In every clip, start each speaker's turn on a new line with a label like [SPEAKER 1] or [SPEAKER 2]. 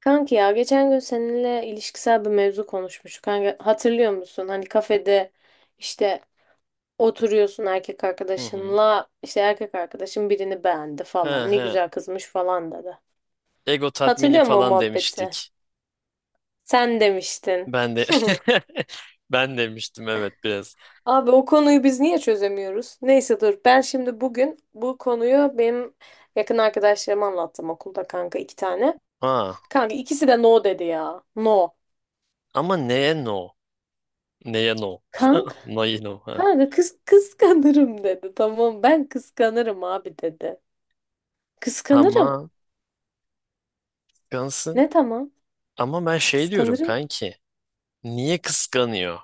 [SPEAKER 1] Kanki ya geçen gün seninle ilişkisel bir mevzu konuşmuştuk. Kanka, hatırlıyor musun? Hani kafede işte oturuyorsun erkek
[SPEAKER 2] Hı hı.
[SPEAKER 1] arkadaşınla işte erkek arkadaşın birini beğendi
[SPEAKER 2] He
[SPEAKER 1] falan. Ne
[SPEAKER 2] he.
[SPEAKER 1] güzel kızmış falan dedi.
[SPEAKER 2] Ego tatmini
[SPEAKER 1] Hatırlıyor musun o
[SPEAKER 2] falan
[SPEAKER 1] muhabbeti?
[SPEAKER 2] demiştik.
[SPEAKER 1] Sen demiştin.
[SPEAKER 2] Ben de ben demiştim, evet, biraz.
[SPEAKER 1] Abi o konuyu biz niye çözemiyoruz? Neyse dur ben şimdi bugün bu konuyu benim yakın arkadaşlarıma anlattım okulda kanka iki tane.
[SPEAKER 2] Ha,
[SPEAKER 1] Kanka ikisi de no dedi ya. No.
[SPEAKER 2] ama neye no? Neye no? Neye no? Ha.
[SPEAKER 1] Kanka kız kıskanırım dedi. Tamam ben kıskanırım abi dedi. Kıskanırım.
[SPEAKER 2] Ama kıskansın.
[SPEAKER 1] Ne tamam?
[SPEAKER 2] Ama ben şey diyorum
[SPEAKER 1] Kıskanırım.
[SPEAKER 2] kanki. Niye kıskanıyor?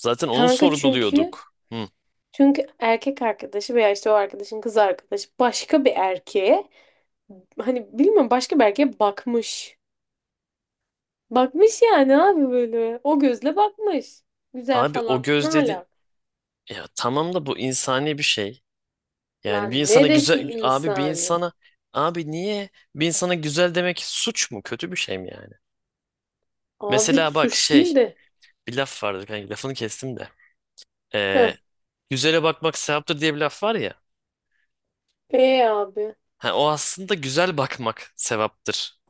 [SPEAKER 2] Zaten onu
[SPEAKER 1] Kanka çünkü
[SPEAKER 2] sorguluyorduk. Hı.
[SPEAKER 1] çünkü erkek arkadaşı veya işte o arkadaşın kız arkadaşı başka bir erkeğe hani bilmiyorum başka bir erkeğe bakmış. Bakmış yani abi böyle. O gözle bakmış. Güzel
[SPEAKER 2] Abi o
[SPEAKER 1] falan. Ne
[SPEAKER 2] göz dedin.
[SPEAKER 1] alaka?
[SPEAKER 2] Ya tamam da bu insani bir şey. Yani
[SPEAKER 1] Lan neresi insani?
[SPEAKER 2] abi niye bir insana güzel demek suç mu? Kötü bir şey mi yani?
[SPEAKER 1] Abi
[SPEAKER 2] Mesela bak
[SPEAKER 1] suç
[SPEAKER 2] şey,
[SPEAKER 1] değil de.
[SPEAKER 2] bir laf vardı kanka, lafını kestim de.
[SPEAKER 1] Heh.
[SPEAKER 2] Ee, Güzele bakmak sevaptır diye bir laf var ya.
[SPEAKER 1] E abi.
[SPEAKER 2] Ha, o aslında güzel bakmak sevaptırdır.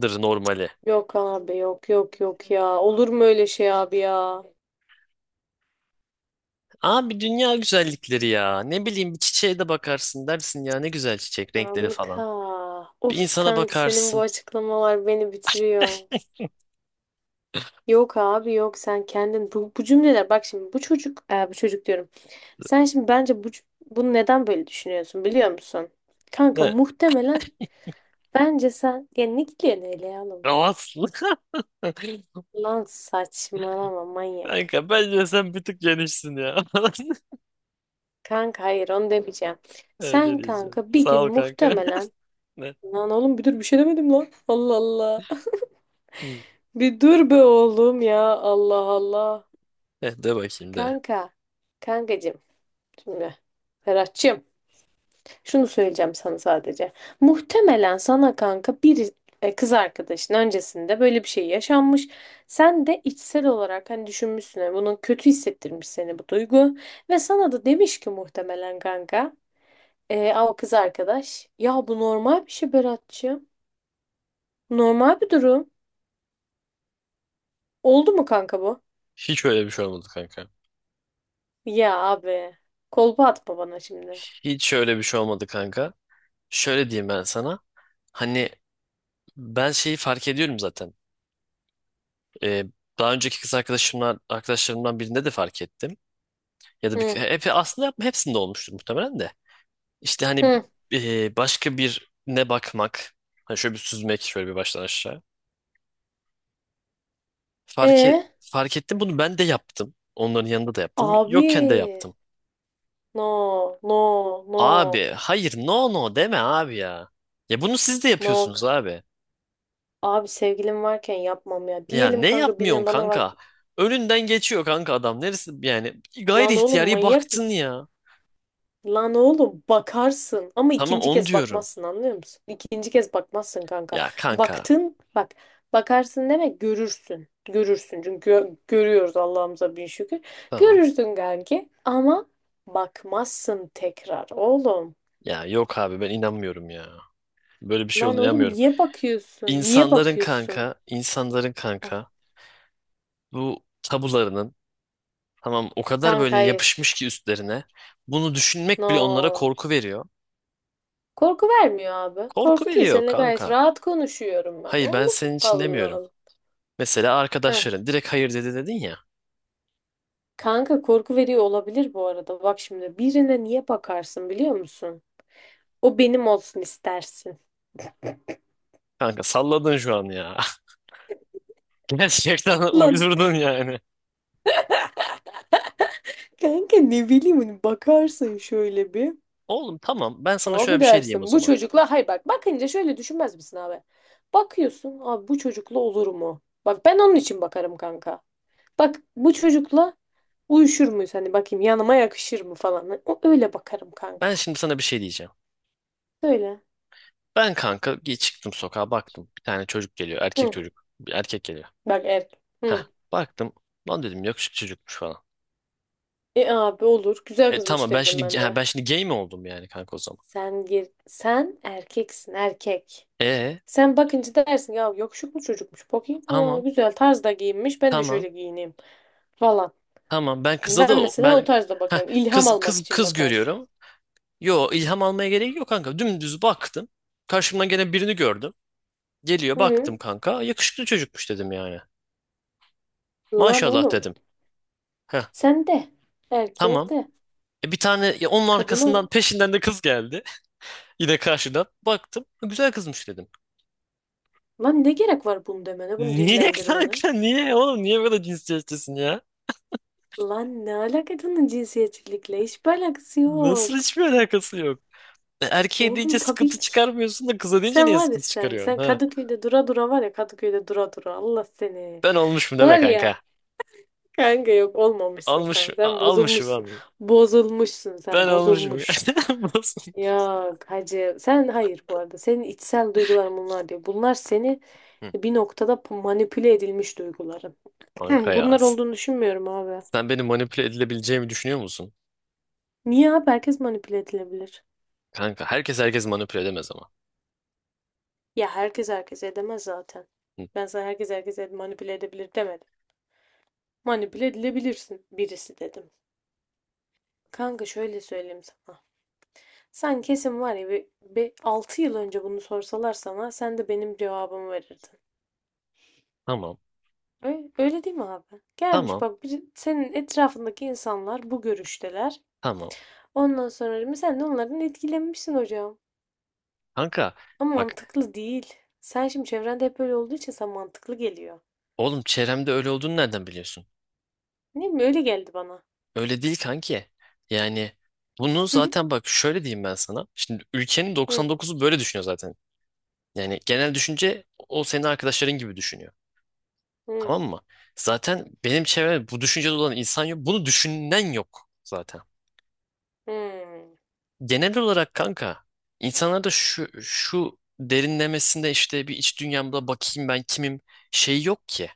[SPEAKER 2] Dır normali.
[SPEAKER 1] Yok abi, yok, yok, yok ya. Olur mu öyle şey abi ya?
[SPEAKER 2] Abi dünya güzellikleri ya. Ne bileyim, bir çiçeğe de bakarsın, dersin ya ne güzel çiçek renkleri
[SPEAKER 1] Kanka.
[SPEAKER 2] falan. Bir
[SPEAKER 1] Of
[SPEAKER 2] insana
[SPEAKER 1] kanka senin bu
[SPEAKER 2] bakarsın.
[SPEAKER 1] açıklamalar beni bitiriyor. Yok abi yok, sen kendin bu cümleler, bak şimdi bu çocuk, bu çocuk diyorum. Sen şimdi bence bunu neden böyle düşünüyorsun biliyor musun? Kanka
[SPEAKER 2] Ne?
[SPEAKER 1] muhtemelen bence sen ya ne gidiyorsun hele ya oğlum?
[SPEAKER 2] Rahatsın.
[SPEAKER 1] Lan saçmalama manyak.
[SPEAKER 2] Kanka bence sen bir tık genişsin ya.
[SPEAKER 1] Kanka hayır onu demeyeceğim.
[SPEAKER 2] Evet, ne
[SPEAKER 1] Sen
[SPEAKER 2] diyeceğim.
[SPEAKER 1] kanka bir
[SPEAKER 2] Sağ
[SPEAKER 1] gün
[SPEAKER 2] ol kanka.
[SPEAKER 1] muhtemelen.
[SPEAKER 2] Ne?
[SPEAKER 1] Lan oğlum bir dur, bir şey demedim lan. Allah Allah.
[SPEAKER 2] Hı.
[SPEAKER 1] Bir dur be oğlum ya. Allah Allah.
[SPEAKER 2] Eh, de bakayım de.
[SPEAKER 1] Kanka, kankacığım, şimdi Ferhat'cığım, şunu söyleyeceğim sana sadece. Muhtemelen sana kanka bir, kız arkadaşın öncesinde böyle bir şey yaşanmış. Sen de içsel olarak hani düşünmüşsün, hani bunun kötü hissettirmiş seni bu duygu. Ve sana da demiş ki muhtemelen kanka, "Aa, o kız arkadaş ya bu normal bir şey Berat'cığım. Normal bir durum. Oldu mu kanka bu?
[SPEAKER 2] Hiç öyle bir şey olmadı kanka.
[SPEAKER 1] Ya abi kolpa atma bana şimdi.
[SPEAKER 2] Hiç öyle bir şey olmadı kanka. Şöyle diyeyim ben sana. Hani ben şeyi fark ediyorum zaten. Ee, Daha önceki kız arkadaşımla arkadaşlarımdan birinde de fark ettim. Ya da
[SPEAKER 1] Hı.
[SPEAKER 2] aslında yapma hepsinde olmuştur muhtemelen de. İşte hani
[SPEAKER 1] Hı.
[SPEAKER 2] başka birine bakmak. Hani şöyle bir süzmek, şöyle bir baştan aşağı.
[SPEAKER 1] E?
[SPEAKER 2] Fark ettim, bunu ben de yaptım. Onların yanında da yaptım.
[SPEAKER 1] Abi
[SPEAKER 2] Yokken de yaptım.
[SPEAKER 1] no, no, no,
[SPEAKER 2] Abi hayır, no no deme abi ya. Ya bunu siz de
[SPEAKER 1] no.
[SPEAKER 2] yapıyorsunuz abi.
[SPEAKER 1] Abi sevgilim varken yapmam ya.
[SPEAKER 2] Ya
[SPEAKER 1] Diyelim
[SPEAKER 2] ne
[SPEAKER 1] kanka
[SPEAKER 2] yapmıyorsun
[SPEAKER 1] birinin bana var.
[SPEAKER 2] kanka? Önünden geçiyor kanka adam. Neresi yani, gayri
[SPEAKER 1] Lan oğlum
[SPEAKER 2] ihtiyari
[SPEAKER 1] manyak
[SPEAKER 2] baktın
[SPEAKER 1] mısın?
[SPEAKER 2] ya.
[SPEAKER 1] Lan oğlum bakarsın ama
[SPEAKER 2] Tamam
[SPEAKER 1] ikinci
[SPEAKER 2] onu
[SPEAKER 1] kez
[SPEAKER 2] diyorum.
[SPEAKER 1] bakmazsın anlıyor musun? İkinci kez bakmazsın kanka.
[SPEAKER 2] Ya kanka
[SPEAKER 1] Baktın, bak, bakarsın demek görürsün. Görürsün çünkü görüyoruz Allah'ımıza bin şükür.
[SPEAKER 2] tamam.
[SPEAKER 1] Görürsün kanki ama bakmazsın tekrar oğlum.
[SPEAKER 2] Ya yok abi, ben inanmıyorum ya. Böyle bir şey
[SPEAKER 1] Lan
[SPEAKER 2] olduğunu
[SPEAKER 1] oğlum
[SPEAKER 2] inanmıyorum.
[SPEAKER 1] niye bakıyorsun? Niye
[SPEAKER 2] İnsanların
[SPEAKER 1] bakıyorsun?
[SPEAKER 2] kanka, insanların
[SPEAKER 1] Heh.
[SPEAKER 2] kanka bu tabularının, tamam, o kadar
[SPEAKER 1] Kanka
[SPEAKER 2] böyle yapışmış
[SPEAKER 1] hayır.
[SPEAKER 2] ki üstlerine. Bunu düşünmek bile onlara
[SPEAKER 1] No.
[SPEAKER 2] korku veriyor.
[SPEAKER 1] Korku vermiyor abi.
[SPEAKER 2] Korku
[SPEAKER 1] Korku değil.
[SPEAKER 2] veriyor
[SPEAKER 1] Seninle gayet
[SPEAKER 2] kanka.
[SPEAKER 1] rahat konuşuyorum ben.
[SPEAKER 2] Hayır, ben
[SPEAKER 1] Oğlum
[SPEAKER 2] senin için
[SPEAKER 1] Allah
[SPEAKER 2] demiyorum.
[SPEAKER 1] Allah.
[SPEAKER 2] Mesela
[SPEAKER 1] Heh.
[SPEAKER 2] arkadaşların direkt hayır dedi dedin ya.
[SPEAKER 1] Kanka korku veriyor olabilir bu arada. Bak şimdi birine niye bakarsın biliyor musun? O benim olsun istersin.
[SPEAKER 2] Kanka salladın şu an ya. Gerçekten
[SPEAKER 1] Lan
[SPEAKER 2] uydurdun yani.
[SPEAKER 1] kanka ne bileyim hani bakarsın şöyle bir.
[SPEAKER 2] Oğlum tamam, ben sana şöyle
[SPEAKER 1] Abi
[SPEAKER 2] bir şey diyeyim o
[SPEAKER 1] dersin bu
[SPEAKER 2] zaman.
[SPEAKER 1] çocukla, hayır bak, bakınca şöyle düşünmez misin abi? Bakıyorsun abi bu çocukla olur mu? Bak ben onun için bakarım kanka. Bak bu çocukla uyuşur muyuz? Hani bakayım yanıma yakışır mı falan. Hani o, öyle bakarım kanka.
[SPEAKER 2] Ben şimdi sana bir şey diyeceğim.
[SPEAKER 1] Söyle.
[SPEAKER 2] Çıktım sokağa, baktım. Bir tane çocuk geliyor. Erkek
[SPEAKER 1] Hı.
[SPEAKER 2] çocuk. Bir erkek geliyor.
[SPEAKER 1] Bak erkek.
[SPEAKER 2] Heh,
[SPEAKER 1] Hı.
[SPEAKER 2] baktım. Lan dedim, yakışıklı çocukmuş falan.
[SPEAKER 1] E abi olur. Güzel
[SPEAKER 2] E
[SPEAKER 1] kızmış
[SPEAKER 2] tamam, ben
[SPEAKER 1] derim
[SPEAKER 2] şimdi
[SPEAKER 1] ben de.
[SPEAKER 2] ben şimdi gay mi oldum yani kanka o zaman?
[SPEAKER 1] Sen gir. Sen erkeksin erkek.
[SPEAKER 2] E
[SPEAKER 1] Sen bakınca dersin ya yakışıklı mu çocukmuş. Bakayım. Aa,
[SPEAKER 2] tamam
[SPEAKER 1] güzel tarzda giyinmiş. Ben de
[SPEAKER 2] tamam
[SPEAKER 1] şöyle giyineyim falan.
[SPEAKER 2] tamam ben
[SPEAKER 1] Hani
[SPEAKER 2] kıza da
[SPEAKER 1] ben mesela o
[SPEAKER 2] ben,
[SPEAKER 1] tarzda
[SPEAKER 2] heh,
[SPEAKER 1] bakarım. İlham
[SPEAKER 2] kız
[SPEAKER 1] almak
[SPEAKER 2] kız
[SPEAKER 1] için
[SPEAKER 2] kız
[SPEAKER 1] bakarsın.
[SPEAKER 2] görüyorum. Yo, ilham almaya gerek yok kanka. Dümdüz baktım. Karşımdan gene birini gördüm. Geliyor,
[SPEAKER 1] Hı.
[SPEAKER 2] baktım kanka. Yakışıklı çocukmuş dedim yani.
[SPEAKER 1] Lan
[SPEAKER 2] Maşallah
[SPEAKER 1] oğlum.
[SPEAKER 2] dedim. Heh,
[SPEAKER 1] Sen de. Erkeğe
[SPEAKER 2] tamam.
[SPEAKER 1] de.
[SPEAKER 2] Bir tane ya, onun
[SPEAKER 1] Kadına.
[SPEAKER 2] arkasından peşinden de kız geldi. Yine karşıdan. Baktım. Güzel kızmış dedim.
[SPEAKER 1] Lan ne gerek var bunu demene, bunu
[SPEAKER 2] Niye
[SPEAKER 1] dillendirmene?
[SPEAKER 2] kanka, niye oğlum, niye böyle cinsiyetçisin ya?
[SPEAKER 1] Lan ne alaka bunun cinsiyetçilikle? Hiçbir alakası
[SPEAKER 2] Nasıl
[SPEAKER 1] yok.
[SPEAKER 2] hiçbir alakası yok. Erkeğe deyince
[SPEAKER 1] Oğlum tabii
[SPEAKER 2] sıkıntı
[SPEAKER 1] ki.
[SPEAKER 2] çıkarmıyorsun da kıza deyince
[SPEAKER 1] Sen
[SPEAKER 2] niye
[SPEAKER 1] var ya
[SPEAKER 2] sıkıntı
[SPEAKER 1] sen.
[SPEAKER 2] çıkarıyorsun?
[SPEAKER 1] Sen
[SPEAKER 2] Ha?
[SPEAKER 1] Kadıköy'de dura dura, var ya Kadıköy'de dura dura, Allah seni.
[SPEAKER 2] Ben olmuşum deme
[SPEAKER 1] Var ya.
[SPEAKER 2] kanka.
[SPEAKER 1] Kanka yok, olmamışsın sen. Sen
[SPEAKER 2] Almışım
[SPEAKER 1] bozulmuşsun.
[SPEAKER 2] abi.
[SPEAKER 1] Bozulmuşsun sen.
[SPEAKER 2] Ben olmuşum.
[SPEAKER 1] Bozulmuş.
[SPEAKER 2] Nasıl?
[SPEAKER 1] Yok hacı. Sen hayır bu arada. Senin içsel duyguların bunlar diyor. Bunlar seni
[SPEAKER 2] Hı.
[SPEAKER 1] bir noktada manipüle edilmiş duyguların.
[SPEAKER 2] Kanka ya.
[SPEAKER 1] Bunlar olduğunu düşünmüyorum abi.
[SPEAKER 2] Sen beni manipüle edilebileceğimi düşünüyor musun?
[SPEAKER 1] Niye abi? Herkes manipüle edilebilir.
[SPEAKER 2] Kanka herkes manipüle edemez ama.
[SPEAKER 1] Ya herkes herkes edemez zaten.
[SPEAKER 2] Hı.
[SPEAKER 1] Ben sana herkes herkes manipüle edebilir demedim. Manipüle edilebilirsin birisi dedim. Kanka şöyle söyleyeyim sana. Sen kesin var ya bir 6 yıl önce bunu sorsalar sana sen de benim cevabımı verirdin.
[SPEAKER 2] Tamam.
[SPEAKER 1] Öyle, öyle değil mi abi? Gelmiş
[SPEAKER 2] Tamam.
[SPEAKER 1] bak bir, senin etrafındaki insanlar bu görüşteler.
[SPEAKER 2] Tamam.
[SPEAKER 1] Ondan sonra mı sen de onlardan etkilenmişsin hocam.
[SPEAKER 2] Kanka
[SPEAKER 1] Ama
[SPEAKER 2] bak,
[SPEAKER 1] mantıklı değil. Sen şimdi çevrende hep öyle olduğu için sana mantıklı geliyor.
[SPEAKER 2] oğlum, çevremde öyle olduğunu nereden biliyorsun?
[SPEAKER 1] Ne mi öyle geldi bana.
[SPEAKER 2] Öyle değil kanki. Yani bunu zaten bak, şöyle diyeyim ben sana. Şimdi ülkenin
[SPEAKER 1] Hı,
[SPEAKER 2] 99'u böyle düşünüyor zaten. Yani genel düşünce, o senin arkadaşların gibi düşünüyor.
[SPEAKER 1] hı,
[SPEAKER 2] Tamam mı? Zaten benim çevremde bu düşüncede olan insan yok. Bunu düşünen yok zaten.
[SPEAKER 1] hı.
[SPEAKER 2] Genel olarak kanka insanlarda şu derinlemesinde, işte bir iç dünyamda bakayım ben kimim, şey yok ki.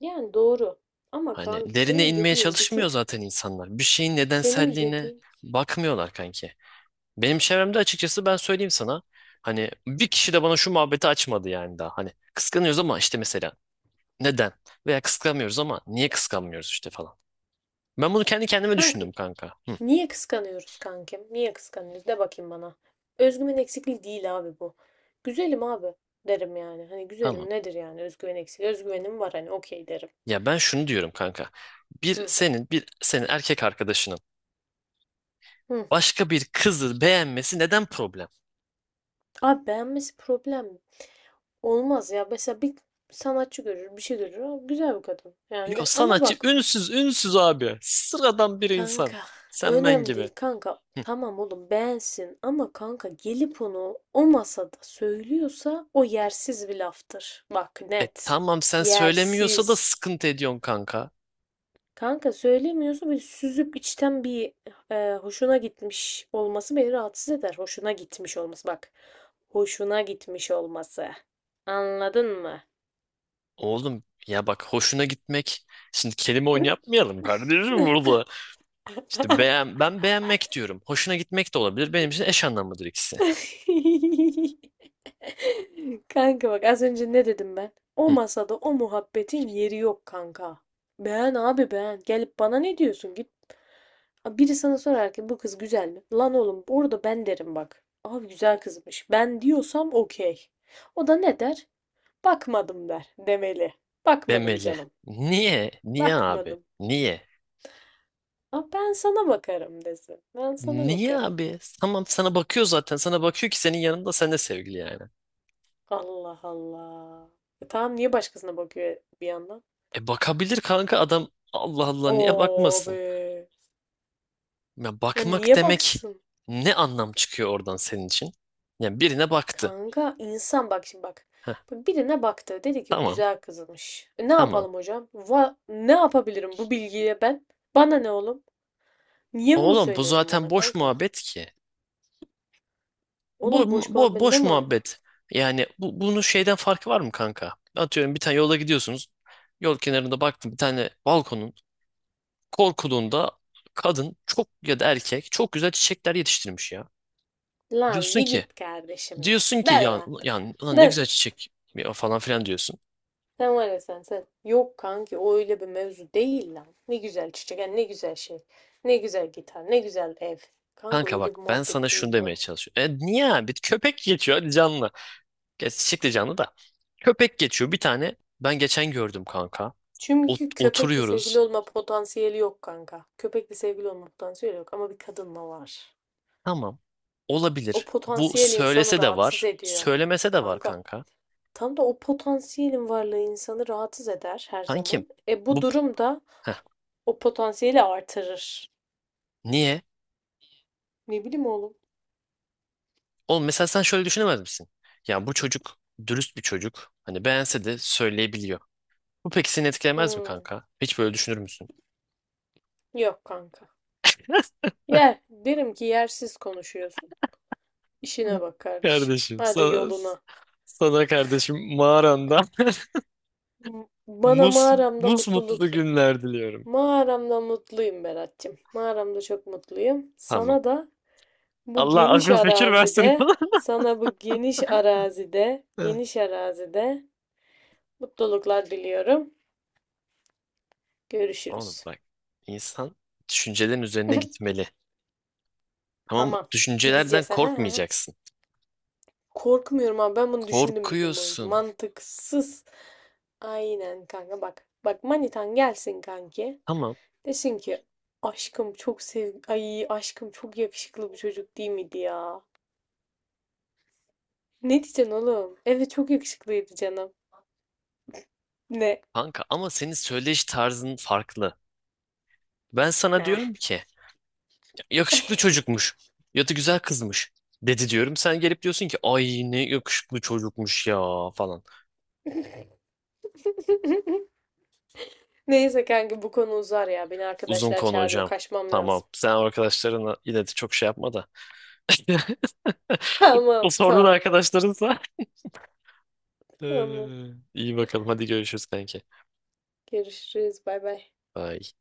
[SPEAKER 1] Yani doğru. Ama
[SPEAKER 2] Hani
[SPEAKER 1] kanki
[SPEAKER 2] derine
[SPEAKER 1] senin
[SPEAKER 2] inmeye
[SPEAKER 1] dediğin bir
[SPEAKER 2] çalışmıyor
[SPEAKER 1] tık.
[SPEAKER 2] zaten insanlar. Bir şeyin
[SPEAKER 1] Senin
[SPEAKER 2] nedenselliğine
[SPEAKER 1] dediğin.
[SPEAKER 2] bakmıyorlar kanki. Benim çevremde, açıkçası, ben söyleyeyim sana. Hani bir kişi de bana şu muhabbeti açmadı yani daha. Hani kıskanıyoruz ama işte mesela neden? Veya kıskanmıyoruz ama niye kıskanmıyoruz işte falan. Ben bunu kendi kendime
[SPEAKER 1] Kanka
[SPEAKER 2] düşündüm kanka. Hı,
[SPEAKER 1] niye kıskanıyoruz kankim? Niye kıskanıyoruz? De bakayım bana. Özgüven eksikliği değil abi bu. Güzelim abi derim yani. Hani
[SPEAKER 2] tamam.
[SPEAKER 1] güzelim nedir yani özgüven eksikliği? Özgüvenim var hani okey derim.
[SPEAKER 2] Ya ben şunu diyorum kanka. Bir
[SPEAKER 1] Hı.
[SPEAKER 2] senin bir senin erkek arkadaşının
[SPEAKER 1] Hı.
[SPEAKER 2] başka bir kızı beğenmesi neden problem?
[SPEAKER 1] Abi beğenmesi problem olmaz ya. Mesela bir sanatçı görür, bir şey görür. "Aa, güzel bir kadın. Yani
[SPEAKER 2] Yo,
[SPEAKER 1] de, ama
[SPEAKER 2] sanatçı
[SPEAKER 1] bak
[SPEAKER 2] ünsüz ünsüz abi. Sıradan bir insan.
[SPEAKER 1] kanka
[SPEAKER 2] Sen ben
[SPEAKER 1] önemli
[SPEAKER 2] gibi.
[SPEAKER 1] değil kanka.
[SPEAKER 2] Hı.
[SPEAKER 1] Tamam oğlum beğensin ama kanka gelip onu o masada söylüyorsa o yersiz bir laftır. Bak
[SPEAKER 2] E
[SPEAKER 1] net.
[SPEAKER 2] tamam, sen söylemiyorsa da
[SPEAKER 1] Yersiz.
[SPEAKER 2] sıkıntı ediyorsun kanka.
[SPEAKER 1] Kanka söylemiyorsa böyle süzüp içten bir, hoşuna gitmiş olması beni rahatsız eder. Hoşuna gitmiş olması bak. Hoşuna gitmiş olması. Anladın mı?
[SPEAKER 2] Oğlum ya bak, hoşuna gitmek. Şimdi kelime oyunu yapmayalım kardeşim burada. İşte beğen, ben beğenmek diyorum. Hoşuna gitmek de olabilir. Benim için eş anlamlıdır ikisi.
[SPEAKER 1] Kanka bak az önce ne dedim ben? O
[SPEAKER 2] Hı.
[SPEAKER 1] masada o muhabbetin yeri yok kanka. Beğen abi beğen. Gelip bana ne diyorsun? Git. Ha, biri sana sorar ki bu kız güzel mi? Lan oğlum orada ben derim bak. Abi güzel kızmış. Ben diyorsam okey. O da ne der? Bakmadım der, demeli. Bakmadım
[SPEAKER 2] Demeli.
[SPEAKER 1] canım,
[SPEAKER 2] Niye? Niye abi?
[SPEAKER 1] bakmadım.
[SPEAKER 2] Niye?
[SPEAKER 1] Ama ben sana bakarım desin. Ben sana
[SPEAKER 2] Niye
[SPEAKER 1] bakarım.
[SPEAKER 2] abi? Tamam, sana bakıyor zaten. Sana bakıyor ki senin yanında, sen de sevgili yani.
[SPEAKER 1] Allah Allah. E tamam niye başkasına bakıyor bir yandan?
[SPEAKER 2] E bakabilir kanka adam. Allah Allah niye
[SPEAKER 1] Oo
[SPEAKER 2] bakmasın?
[SPEAKER 1] be.
[SPEAKER 2] Ya
[SPEAKER 1] Ya
[SPEAKER 2] bakmak
[SPEAKER 1] niye
[SPEAKER 2] demek
[SPEAKER 1] baksın?
[SPEAKER 2] ne anlam çıkıyor oradan senin için? Yani birine baktı.
[SPEAKER 1] Kanka insan bak şimdi bak.
[SPEAKER 2] Heh,
[SPEAKER 1] Bak birine baktı. Dedi ki
[SPEAKER 2] tamam
[SPEAKER 1] güzel kızmış. E ne
[SPEAKER 2] tamam.
[SPEAKER 1] yapalım hocam? Va ne yapabilirim bu bilgiye ben? Bana ne oğlum? Niye bunu
[SPEAKER 2] Oğlum bu
[SPEAKER 1] söyledin
[SPEAKER 2] zaten
[SPEAKER 1] bana
[SPEAKER 2] boş
[SPEAKER 1] kanka?
[SPEAKER 2] muhabbet ki. Bo
[SPEAKER 1] Oğlum boş muhabbet ne
[SPEAKER 2] Boş
[SPEAKER 1] mana?
[SPEAKER 2] muhabbet. Yani bu bunun şeyden farkı var mı kanka? Atıyorum bir tane, yolda gidiyorsunuz. Yol kenarında baktım, bir tane balkonun korkuluğunda kadın çok ya da erkek çok güzel çiçekler yetiştirmiş ya.
[SPEAKER 1] Lan
[SPEAKER 2] Diyorsun
[SPEAKER 1] bir
[SPEAKER 2] ki
[SPEAKER 1] git kardeşim lan.
[SPEAKER 2] diyorsun ki
[SPEAKER 1] Der
[SPEAKER 2] ya
[SPEAKER 1] lan.
[SPEAKER 2] yani ulan ne
[SPEAKER 1] Der.
[SPEAKER 2] güzel çiçek ya falan filan diyorsun.
[SPEAKER 1] Sen var ya sen. Yok kanki o öyle bir mevzu değil lan. Ne güzel çiçek yani ne güzel şey. Ne güzel gitar, ne güzel ev. Kanka
[SPEAKER 2] Kanka
[SPEAKER 1] öyle
[SPEAKER 2] bak,
[SPEAKER 1] bir
[SPEAKER 2] ben sana
[SPEAKER 1] muhabbet
[SPEAKER 2] şunu
[SPEAKER 1] değil
[SPEAKER 2] demeye
[SPEAKER 1] bu.
[SPEAKER 2] çalışıyorum. E niye abi? Bir köpek geçiyor, hadi canlı. Geç, çiçek de canlı da. Köpek geçiyor bir tane. Ben geçen gördüm kanka.
[SPEAKER 1] Çünkü köpekle sevgili
[SPEAKER 2] Oturuyoruz.
[SPEAKER 1] olma potansiyeli yok kanka. Köpekle sevgili olma potansiyeli yok ama bir kadınla var.
[SPEAKER 2] Tamam.
[SPEAKER 1] O
[SPEAKER 2] Olabilir. Bu
[SPEAKER 1] potansiyel insanı
[SPEAKER 2] söylese de
[SPEAKER 1] rahatsız
[SPEAKER 2] var.
[SPEAKER 1] ediyor.
[SPEAKER 2] Söylemese de var
[SPEAKER 1] Kanka
[SPEAKER 2] kanka.
[SPEAKER 1] tam da o potansiyelin varlığı insanı rahatsız eder her
[SPEAKER 2] Kankim.
[SPEAKER 1] zaman. E bu
[SPEAKER 2] Bu,
[SPEAKER 1] durum da
[SPEAKER 2] heh,
[SPEAKER 1] o potansiyeli artırır.
[SPEAKER 2] niye?
[SPEAKER 1] Ne bileyim oğlum.
[SPEAKER 2] Oğlum mesela sen şöyle düşünemez misin? Ya bu çocuk dürüst bir çocuk. Hani beğense de söyleyebiliyor. Bu peki seni etkilemez mi
[SPEAKER 1] Hmm,
[SPEAKER 2] kanka? Hiç böyle düşünür müsün?
[SPEAKER 1] yok kanka. Yer, derim ki yersiz konuşuyorsun. İşine bak kardeşim.
[SPEAKER 2] Kardeşim
[SPEAKER 1] Hadi
[SPEAKER 2] sana,
[SPEAKER 1] yoluna.
[SPEAKER 2] sana mağaranda
[SPEAKER 1] Bana
[SPEAKER 2] mus
[SPEAKER 1] mağaramda
[SPEAKER 2] mus mutlu
[SPEAKER 1] mutlulukla.
[SPEAKER 2] günler diliyorum.
[SPEAKER 1] Mağaramda mutluyum Berat'cığım. Mağaramda çok mutluyum.
[SPEAKER 2] Tamam.
[SPEAKER 1] Sana da bu
[SPEAKER 2] Allah
[SPEAKER 1] geniş
[SPEAKER 2] akıl fikir versin.
[SPEAKER 1] arazide, geniş arazide mutluluklar diliyorum.
[SPEAKER 2] Oğlum
[SPEAKER 1] Görüşürüz.
[SPEAKER 2] bak. İnsan düşüncelerin üzerine gitmeli. Tamam mı?
[SPEAKER 1] Tamam.
[SPEAKER 2] Düşüncelerden
[SPEAKER 1] Gideceğiz. Ha, ha, ha.
[SPEAKER 2] korkmayacaksın.
[SPEAKER 1] Korkmuyorum abi. Ben bunu düşündüm bir gün boyunca.
[SPEAKER 2] Korkuyorsun.
[SPEAKER 1] Mantıksız. Aynen kanka bak. Bak manitan gelsin kanki.
[SPEAKER 2] Tamam
[SPEAKER 1] Desin ki aşkım çok sev, ay aşkım çok yakışıklı bir çocuk değil miydi ya? Ne diyeceksin oğlum? Evet çok yakışıklıydı canım. Ne?
[SPEAKER 2] kanka, ama senin söyleyiş tarzın farklı. Ben sana
[SPEAKER 1] Ne?
[SPEAKER 2] diyorum ki yakışıklı çocukmuş ya da güzel kızmış dedi diyorum. Sen gelip diyorsun ki ay ne yakışıklı çocukmuş ya falan.
[SPEAKER 1] Neyse kanka bu konu uzar ya. Beni
[SPEAKER 2] Uzun
[SPEAKER 1] arkadaşlar
[SPEAKER 2] konu
[SPEAKER 1] çağırıyor.
[SPEAKER 2] hocam.
[SPEAKER 1] Kaçmam
[SPEAKER 2] Tamam.
[SPEAKER 1] lazım.
[SPEAKER 2] Sen arkadaşlarına yine de çok şey yapma da. O
[SPEAKER 1] Tamam
[SPEAKER 2] sorduğun
[SPEAKER 1] tamam.
[SPEAKER 2] arkadaşlarınsa.
[SPEAKER 1] Tamam.
[SPEAKER 2] Ee, iyi bakalım. Hadi görüşürüz kanki.
[SPEAKER 1] Görüşürüz. Bay bay.
[SPEAKER 2] Bye.